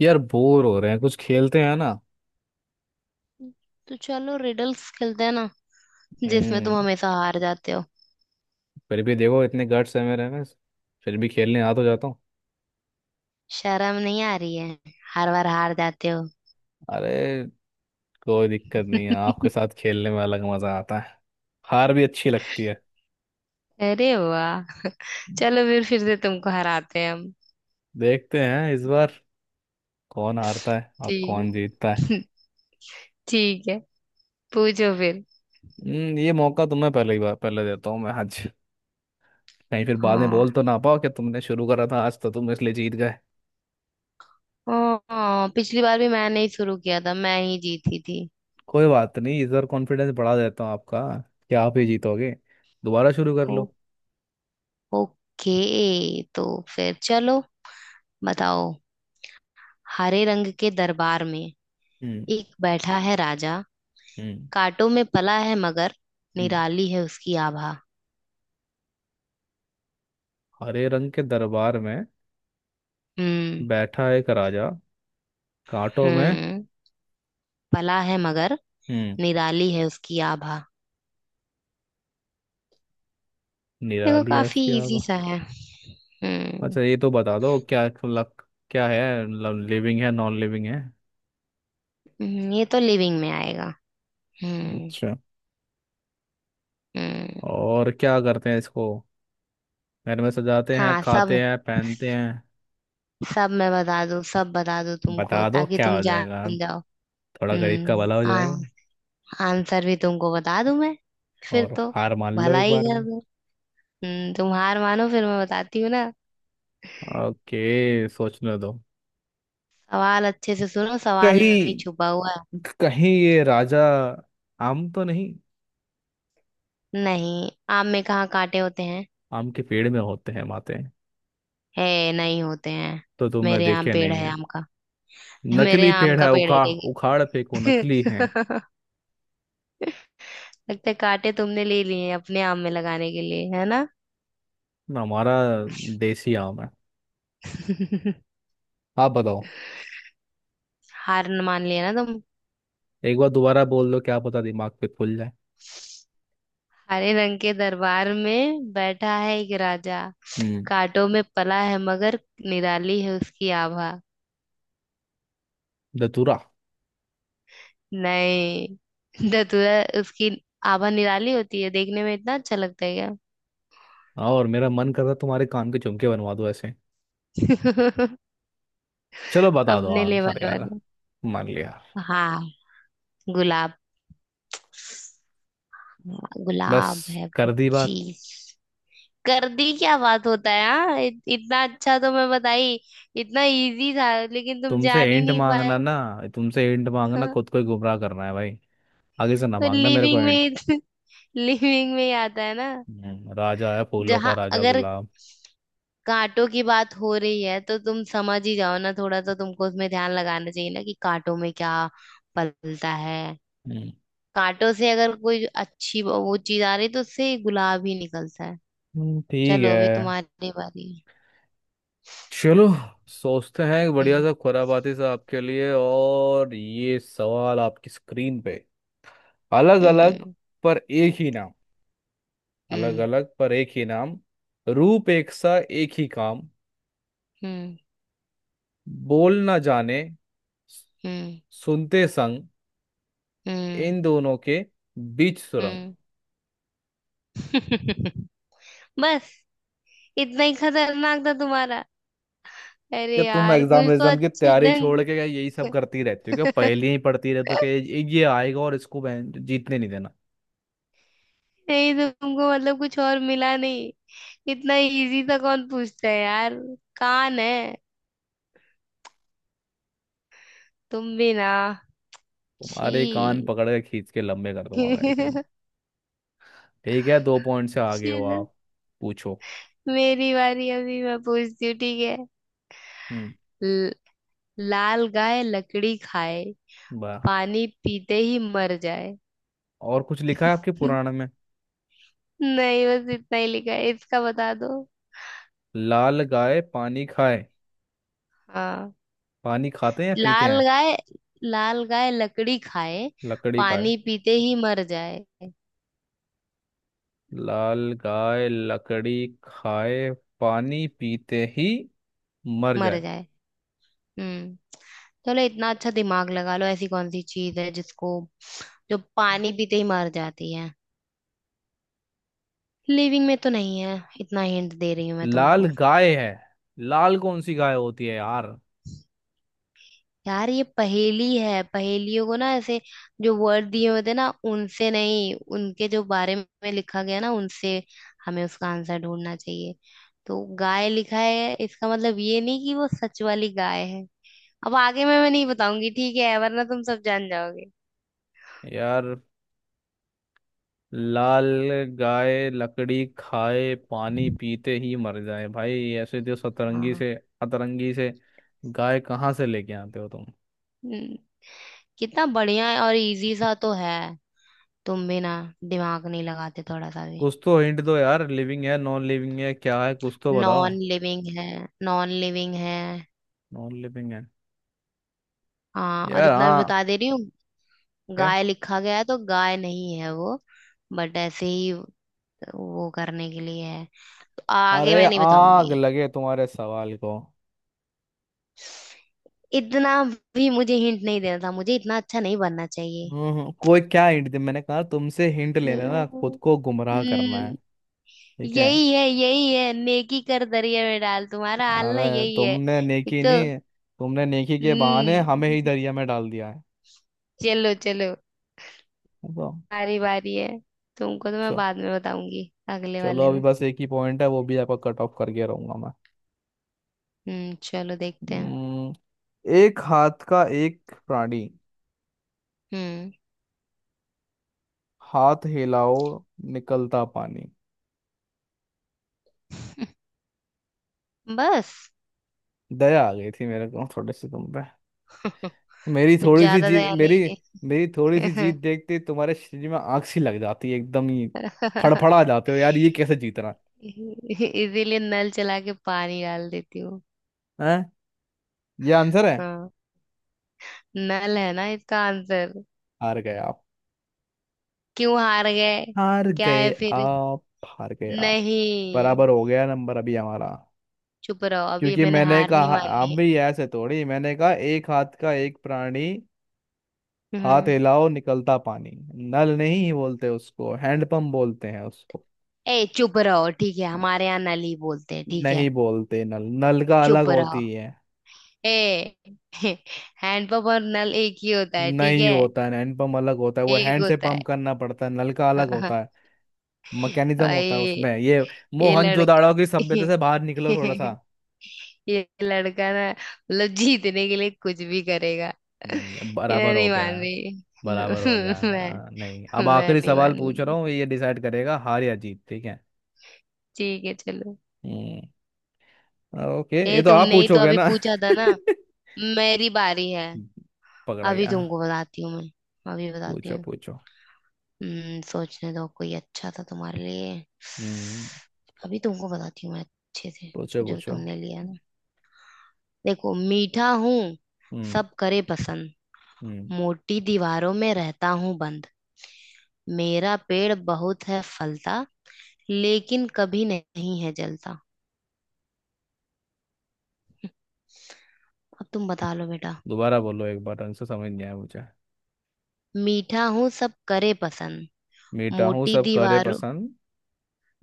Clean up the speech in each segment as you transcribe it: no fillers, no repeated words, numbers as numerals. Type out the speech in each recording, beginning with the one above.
यार बोर हो रहे हैं कुछ खेलते हैं ना। तो चलो रिडल्स खेलते हैं ना। जिसमें तुम हम्म। हमेशा हार जाते हो। फिर भी देखो इतने गट्स है मेरे में। फिर भी खेलने आ तो जाता हूँ। शर्म नहीं आ रही है? हर बार हार जाते हो। अरे कोई दिक्कत नहीं है, आपके साथ खेलने में अलग मजा आता है। हार भी अच्छी लगती है। अरे वाह। चलो फिर से तुमको हराते हैं हम। देखते हैं इस बार कौन हारता है और कौन ठीक। जीतता है। ठीक है। पूछो फिर। हम्म, ये मौका तुम्हें पहले ही बार पहले देता हूँ मैं आज। कहीं फिर बाद में हाँ। बोल तो ना पाओ कि तुमने शुरू करा था आज, तो तुम इसलिए जीत गए। हाँ, पिछली बार भी मैंने ही शुरू किया था, मैं ही जीती थी। कोई बात नहीं, इस बार कॉन्फिडेंस बढ़ा देता हूँ आपका कि आप ही जीतोगे। दोबारा शुरू कर ओ, लो। ओके। तो फिर चलो, बताओ। हरे रंग के दरबार में हम्म। एक बैठा है राजा। हम्म। कांटों में पला है मगर हम्म। निराली है उसकी आभा। हरे रंग के दरबार में हम्म। बैठा एक राजा, कांटों में। हम्म, पला है मगर हम्म। निराली है उसकी आभा। देखो निराली काफी आशियावा। इजी सा है। हम्म। अच्छा, ये तो बता दो क्या लक क्या है। लिविंग है नॉन लिविंग है? ये तो लिविंग में आएगा। हम्म। अच्छा, हम्म। और क्या करते हैं इसको? घर में सजाते हैं, हाँ, सब। खाते हैं, पहनते हैं? सब मैं बता दूं सब बता दूं तुमको बता दो ताकि क्या तुम हो जाएगा, जान जाओ। थोड़ा गरीब का हम्म भला हो जाएगा। आ, आंसर भी तुमको बता दूं मैं, फिर और तो हार मान लो भला एक ही बार कर में। दूं। हम्म, तुम हार मानो फिर मैं बताती हूँ ना। ओके, सोचने दो। सवाल अच्छे से सुनो, सवाल में कहीं ही छुपा हुआ है। कहीं ये राजा आम तो नहीं? नहीं, आम में कहाँ कांटे होते हैं। आम के पेड़ में होते हैं माते। है नहीं होते हैं। तो तुमने मेरे यहाँ देखे पेड़ नहीं है है? आम का। मेरे नकली यहाँ आम पेड़ का है, पेड़ है उखाड़ देखिए। उखाड़ फेंको, नकली है। लगता है कांटे तुमने ले लिए अपने आम में लगाने के लिए, है ना। हमारा देसी आम है। आप बताओ। हार न मान लिया ना तुम। एक बार दोबारा बोल दो क्या पता दिमाग पे खुल जाए। हरे रंग के दरबार में बैठा है एक राजा, हम्म। कांटों में पला है मगर निराली है उसकी आभा। धतूरा। नहीं। धतूरा उसकी आभा निराली होती है देखने में, इतना अच्छा लगता है क्या? और मेरा मन कर रहा है तुम्हारे कान के झुमके बनवा दो ऐसे। चलो बता दो अपने लिए आंसर बनवा यार। दो। मान लिया। हाँ, गुलाब। हाँ, बस, गुलाब है वो कर दी बात। चीज। कर दी क्या बात होता है, हाँ, इतना अच्छा तो मैं बताई। इतना इजी था लेकिन तुम तुमसे जान ही एंट नहीं मांगना पाए। ना, तुमसे एंट मांगना हाँ, खुद को ही गुमराह करना है भाई। आगे से ना तो मांगना मेरे को लिविंग एंट। में, लिविंग में ही आता है ना। राजा है फूलों का जहाँ राजा अगर गुलाब। कांटों की बात हो रही है तो तुम समझ ही जाओ ना, थोड़ा तो तुमको उसमें ध्यान लगाना चाहिए ना कि कांटों में क्या पलता है। हम्म। कांटों से अगर कोई अच्छी वो चीज आ रही तो उससे गुलाब ही निकलता है। ठीक चलो है। अभी तुम्हारी बारी है। चलो, सोचते हैं एक बढ़िया हम्म। सा खुराबाती सा आपके लिए। और ये सवाल आपकी स्क्रीन पे। अलग अलग हम्म। पर एक ही नाम। अलग हम्म। अलग पर एक ही नाम। रूप एक सा एक ही काम। हम्म। बोल ना जाने, हम्म। सुनते संग। हम्म। इन दोनों के बीच सुरंग। हम्म। बस, इतना ही खतरनाक था तुम्हारा? क्या अरे तुम यार एग्जाम कुछ तो एग्जाम की अच्छे तैयारी छोड़ ढंग। के क्या यही सब करती रहती हो क्या? पहले ही पढ़ती रहती हो क्या ये आएगा और इसको बहन- जीतने नहीं देना। नहीं, तुमको मतलब कुछ और मिला नहीं? इतना इजी था कौन पूछता है यार। कान है। तुम भी ना। तुम्हारे कान छी। पकड़ के खींच के लंबे कर दूंगा मैं एक दिन। ठीक है, दो पॉइंट से आगे हो चलो आप। पूछो। मेरी बारी, अभी मैं पूछती हूँ ठीक है। हम्म। ल- लाल गाय लकड़ी खाए, वाह। पानी पीते ही मर जाए। और कुछ लिखा है आपके पुराण में? नहीं, बस इतना ही लिखा है, इसका बता दो। लाल गाय पानी खाए। हाँ। पानी खाते हैं या पीते लाल हैं? गाय। लाल गाय लकड़ी खाए, लकड़ी खाए। पानी पीते ही मर जाए। लाल गाय लकड़ी खाए, पानी पीते ही मर मर जाए। जाए। हम्म। चलो इतना अच्छा दिमाग लगा लो, ऐसी कौन सी चीज है जिसको, जो पानी पीते ही मर जाती है। लिविंग में तो नहीं है, इतना हिंट दे रही हूँ मैं लाल तुमको। गाय है, लाल कौन सी गाय होती है यार? यार ये पहेली है, पहेलियों को ना ऐसे, जो वर्ड दिए होते हैं ना उनसे नहीं, उनके जो बारे में लिखा गया ना उनसे हमें उसका आंसर ढूंढना चाहिए। तो गाय लिखा है इसका मतलब ये नहीं कि वो सच वाली गाय है। अब आगे मैं नहीं बताऊंगी ठीक है, वरना तुम सब जान जाओगे। यार लाल गाय लकड़ी खाए पानी पीते ही मर जाए, भाई ऐसे तो सतरंगी हाँ। से अतरंगी से गाय कहाँ से लेके आते हो तुम। हम्म, कितना बढ़िया है और इजी सा तो है। तुम भी ना, दिमाग नहीं लगाते थोड़ा सा भी। कुछ तो हिंट दो यार, लिविंग है नॉन लिविंग है क्या है, कुछ तो नॉन बताओ। लिविंग है। नॉन लिविंग है। नॉन लिविंग है? हाँ, और यार इतना भी हाँ। बता दे रही हूँ, क्या? गाय लिखा गया है तो गाय नहीं है वो। बट ऐसे ही वो करने के लिए है। तो आगे अरे मैं नहीं आग बताऊंगी। लगे तुम्हारे सवाल को। इतना भी मुझे हिंट नहीं देना था, मुझे इतना अच्छा नहीं बनना चाहिए। हम्म, कोई क्या हिंट दे, मैंने कहा तुमसे हिंट लेना ना खुद नहीं। को गुमराह करना है। हम्म, ठीक है। यही है, यही है नेकी कर दरिया में डाल, तुम्हारा हाल ना अरे यही है। तुमने एक नेकी तो। नहीं, तुमने नेकी के बहाने हमें ही हम्म, दरिया में डाल दिया है। चलो चलो, तो बारी बारी है, तुमको तो मैं चलो, बाद में बताऊंगी अगले चलो वाले अभी में। बस एक ही पॉइंट है वो भी आपका कट ऑफ करके रहूंगा मैं। चलो देखते हैं। हम्म, एक हाथ का एक प्राणी, हम्म। हाथ हिलाओ निकलता पानी। बस? दया आ गई थी मेरे को थोड़ी सी तुम पे। मेरी कुछ थोड़ी सी ज्यादा जीत दया मेरी। नहीं है। मेरी थोड़ी सी जीत देखते ही तुम्हारे शरीर में आग सी लग जाती है एकदम ही। इसीलिए फड़फड़ा जाते हो यार, ये कैसे जीतना नल चला के पानी डाल देती हूँ। है? हैं? ये आंसर है? हाँ, नल है ना इसका आंसर। हार गए आप, क्यों हार गए? हार क्या गए है फिर? आप, हार गए आप। नहीं। बराबर हो गया नंबर अभी हमारा। चुप रहो, अभी क्योंकि मैंने मैंने हार नहीं कहा आप मानी है। भी ऐसे थोड़ी, मैंने कहा एक हाथ का एक प्राणी, हाथ हम्म। हिलाओ निकलता पानी। नल नहीं बोलते उसको, हैंडपंप बोलते हैं उसको। ए चुप रहो, ठीक है हमारे यहाँ नल ही बोलते हैं, ठीक नहीं है। बोलते नल नल का अलग चुप रहो। होती है। ए हैंडपंप और नल एक ही होता है ठीक नहीं है। होता है, हैंड पंप अलग होता है, वो एक हैंड से होता है। पंप करना पड़ता है, नल का अलग होता है। मैकेनिज्म होता है भाई, उसमें ये। ये लड़का। मोहनजोदाड़ो की सभ्यता से बाहर निकलो थोड़ा सा। ये लड़का ना, मतलब जीतने के लिए कुछ भी करेगा। नहीं, अब ये बराबर हो नहीं गया मान है। रही बराबर हो गया है, मैं। हाँ, नहीं अब मैं आखिरी नहीं सवाल पूछ रहा मानूंगी। हूँ, ये डिसाइड करेगा हार या जीत, ठीक है। ठीक है चलो। हम्म, ओके, ये ए तो आप तुमने ही तो पूछोगे अभी ना। पूछा था ना, मेरी बारी है। पकड़ा अभी गया। तुमको बताती हूँ मैं, अभी बताती पूछो हूँ। पूछो। हम्म, सोचने दो कोई अच्छा था तुम्हारे लिए। हम्म। अभी तुमको बताती हूँ मैं अच्छे से, पूछो जो पूछो। तुमने लिया ना। देखो, मीठा हूँ हम्म। सब करे पसंद, हम्म। मोटी दीवारों में रहता हूँ बंद, मेरा पेड़ बहुत है फलता, लेकिन कभी नहीं है जलता। अब तुम बता लो बेटा। दोबारा बोलो एक बार ढंग से समझ नहीं आया मुझे। मीठा हूँ सब करे पसंद। मीठा हूँ मोटी सब करे दीवारों पसंद।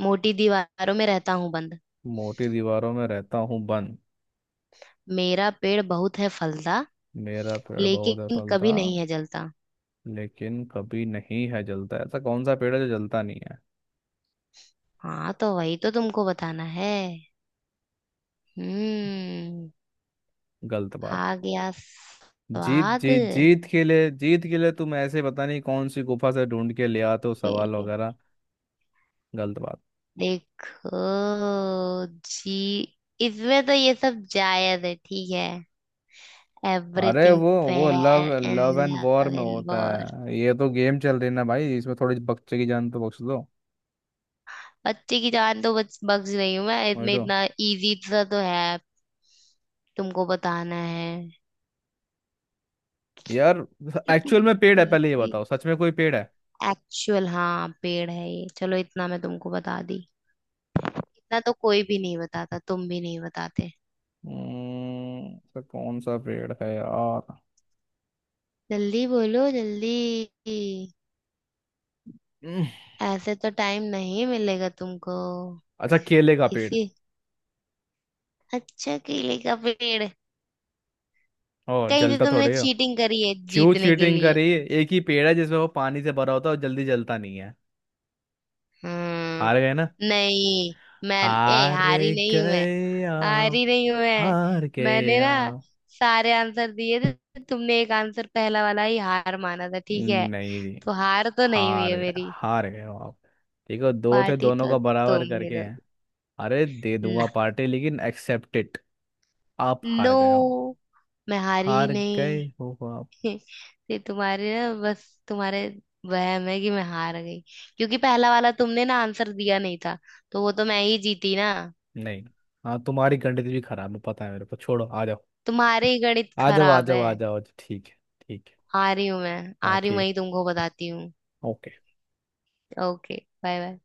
मोटी दीवारों में रहता हूँ बंद। मोटी दीवारों में रहता हूँ बंद। मेरा पेड़ बहुत है फलता। मेरा पेड़ बहुत है लेकिन फलता। कभी नहीं है जलता। लेकिन कभी नहीं है जलता। ऐसा कौन सा पेड़ है जो जलता नहीं है? हाँ तो वही तो तुमको बताना है। हम्म, गलत बात। आ गया जीत स्वाद। जीत जीत के लिए तुम ऐसे पता नहीं कौन सी गुफा से ढूंढ के ले आते हो सवाल वगैरह। गलत बात। देखो जी, इसमें तो ये सब जायज है ठीक है, अरे एवरीथिंग वो love fair in love and war love में इन होता वॉर। है। ये तो गेम चल रही है ना भाई, इसमें थोड़ी बच्चे की जान तो बख्श दो। बच्चे की जान तो बच बख्श रही हूँ मैं, वही इसमें तो। इतना इजी सा तो है, तुमको बताना है। यार एक्चुअल में इतना पेड़ है, पहले ये इजी। बताओ, सच में कोई पेड़ है? एक्चुअल हाँ पेड़ है ये, चलो इतना मैं तुमको बता दी, इतना तो कोई भी नहीं बताता, तुम भी नहीं बताते। तो कौन सा पेड़ है यार? जल्दी बोलो जल्दी। हम्म। ऐसे तो टाइम नहीं मिलेगा तुमको। अच्छा, केले का पेड़। इसी। अच्छा केले का पेड़? ओ, कहीं से जलता तुमने थोड़े हो। चीटिंग करी है क्यों जीतने के चीटिंग लिए। करी? एक ही पेड़ है जिसमें वो पानी से भरा होता है और जल्दी जलता नहीं है। हार गए ना? हम्म, नहीं। मैं। ए हार हारी नहीं हूं मैं। गए आप, हारी नहीं हूं मैं। हार गए मैंने ना आप। सारे आंसर दिए थे, तुमने एक आंसर पहला वाला ही हार माना था ठीक है, नहीं जी, तो हार तो नहीं हुई हार है गए, मेरी। हार गए हो आप। ठीक है, दो थे पार्टी दोनों तो का बराबर तुम ही करके हैं। दोगी अरे दे ना। दूंगा पार्टी, लेकिन एक्सेप्ट इट, आप हार गए हो। नो, मैं हारी ही हार गए नहीं। हो आप। ये तुम्हारे ना, बस तुम्हारे वहम है कि मैं हार गई। क्योंकि पहला वाला तुमने ना आंसर दिया नहीं था, तो वो तो मैं ही जीती ना। नहीं। हाँ तुम्हारी गणित भी खराब है, पता है मेरे को। छोड़ो, आ जाओ। तुम्हारे ही गणित आ जाओ आ खराब जाओ है। आ जाओ ठीक है। ठीक है। आ रही हूँ मैं, हाँ आ रही हूँ, ठीक। वही तुमको बताती हूँ। ओके। ओके। Bye bye.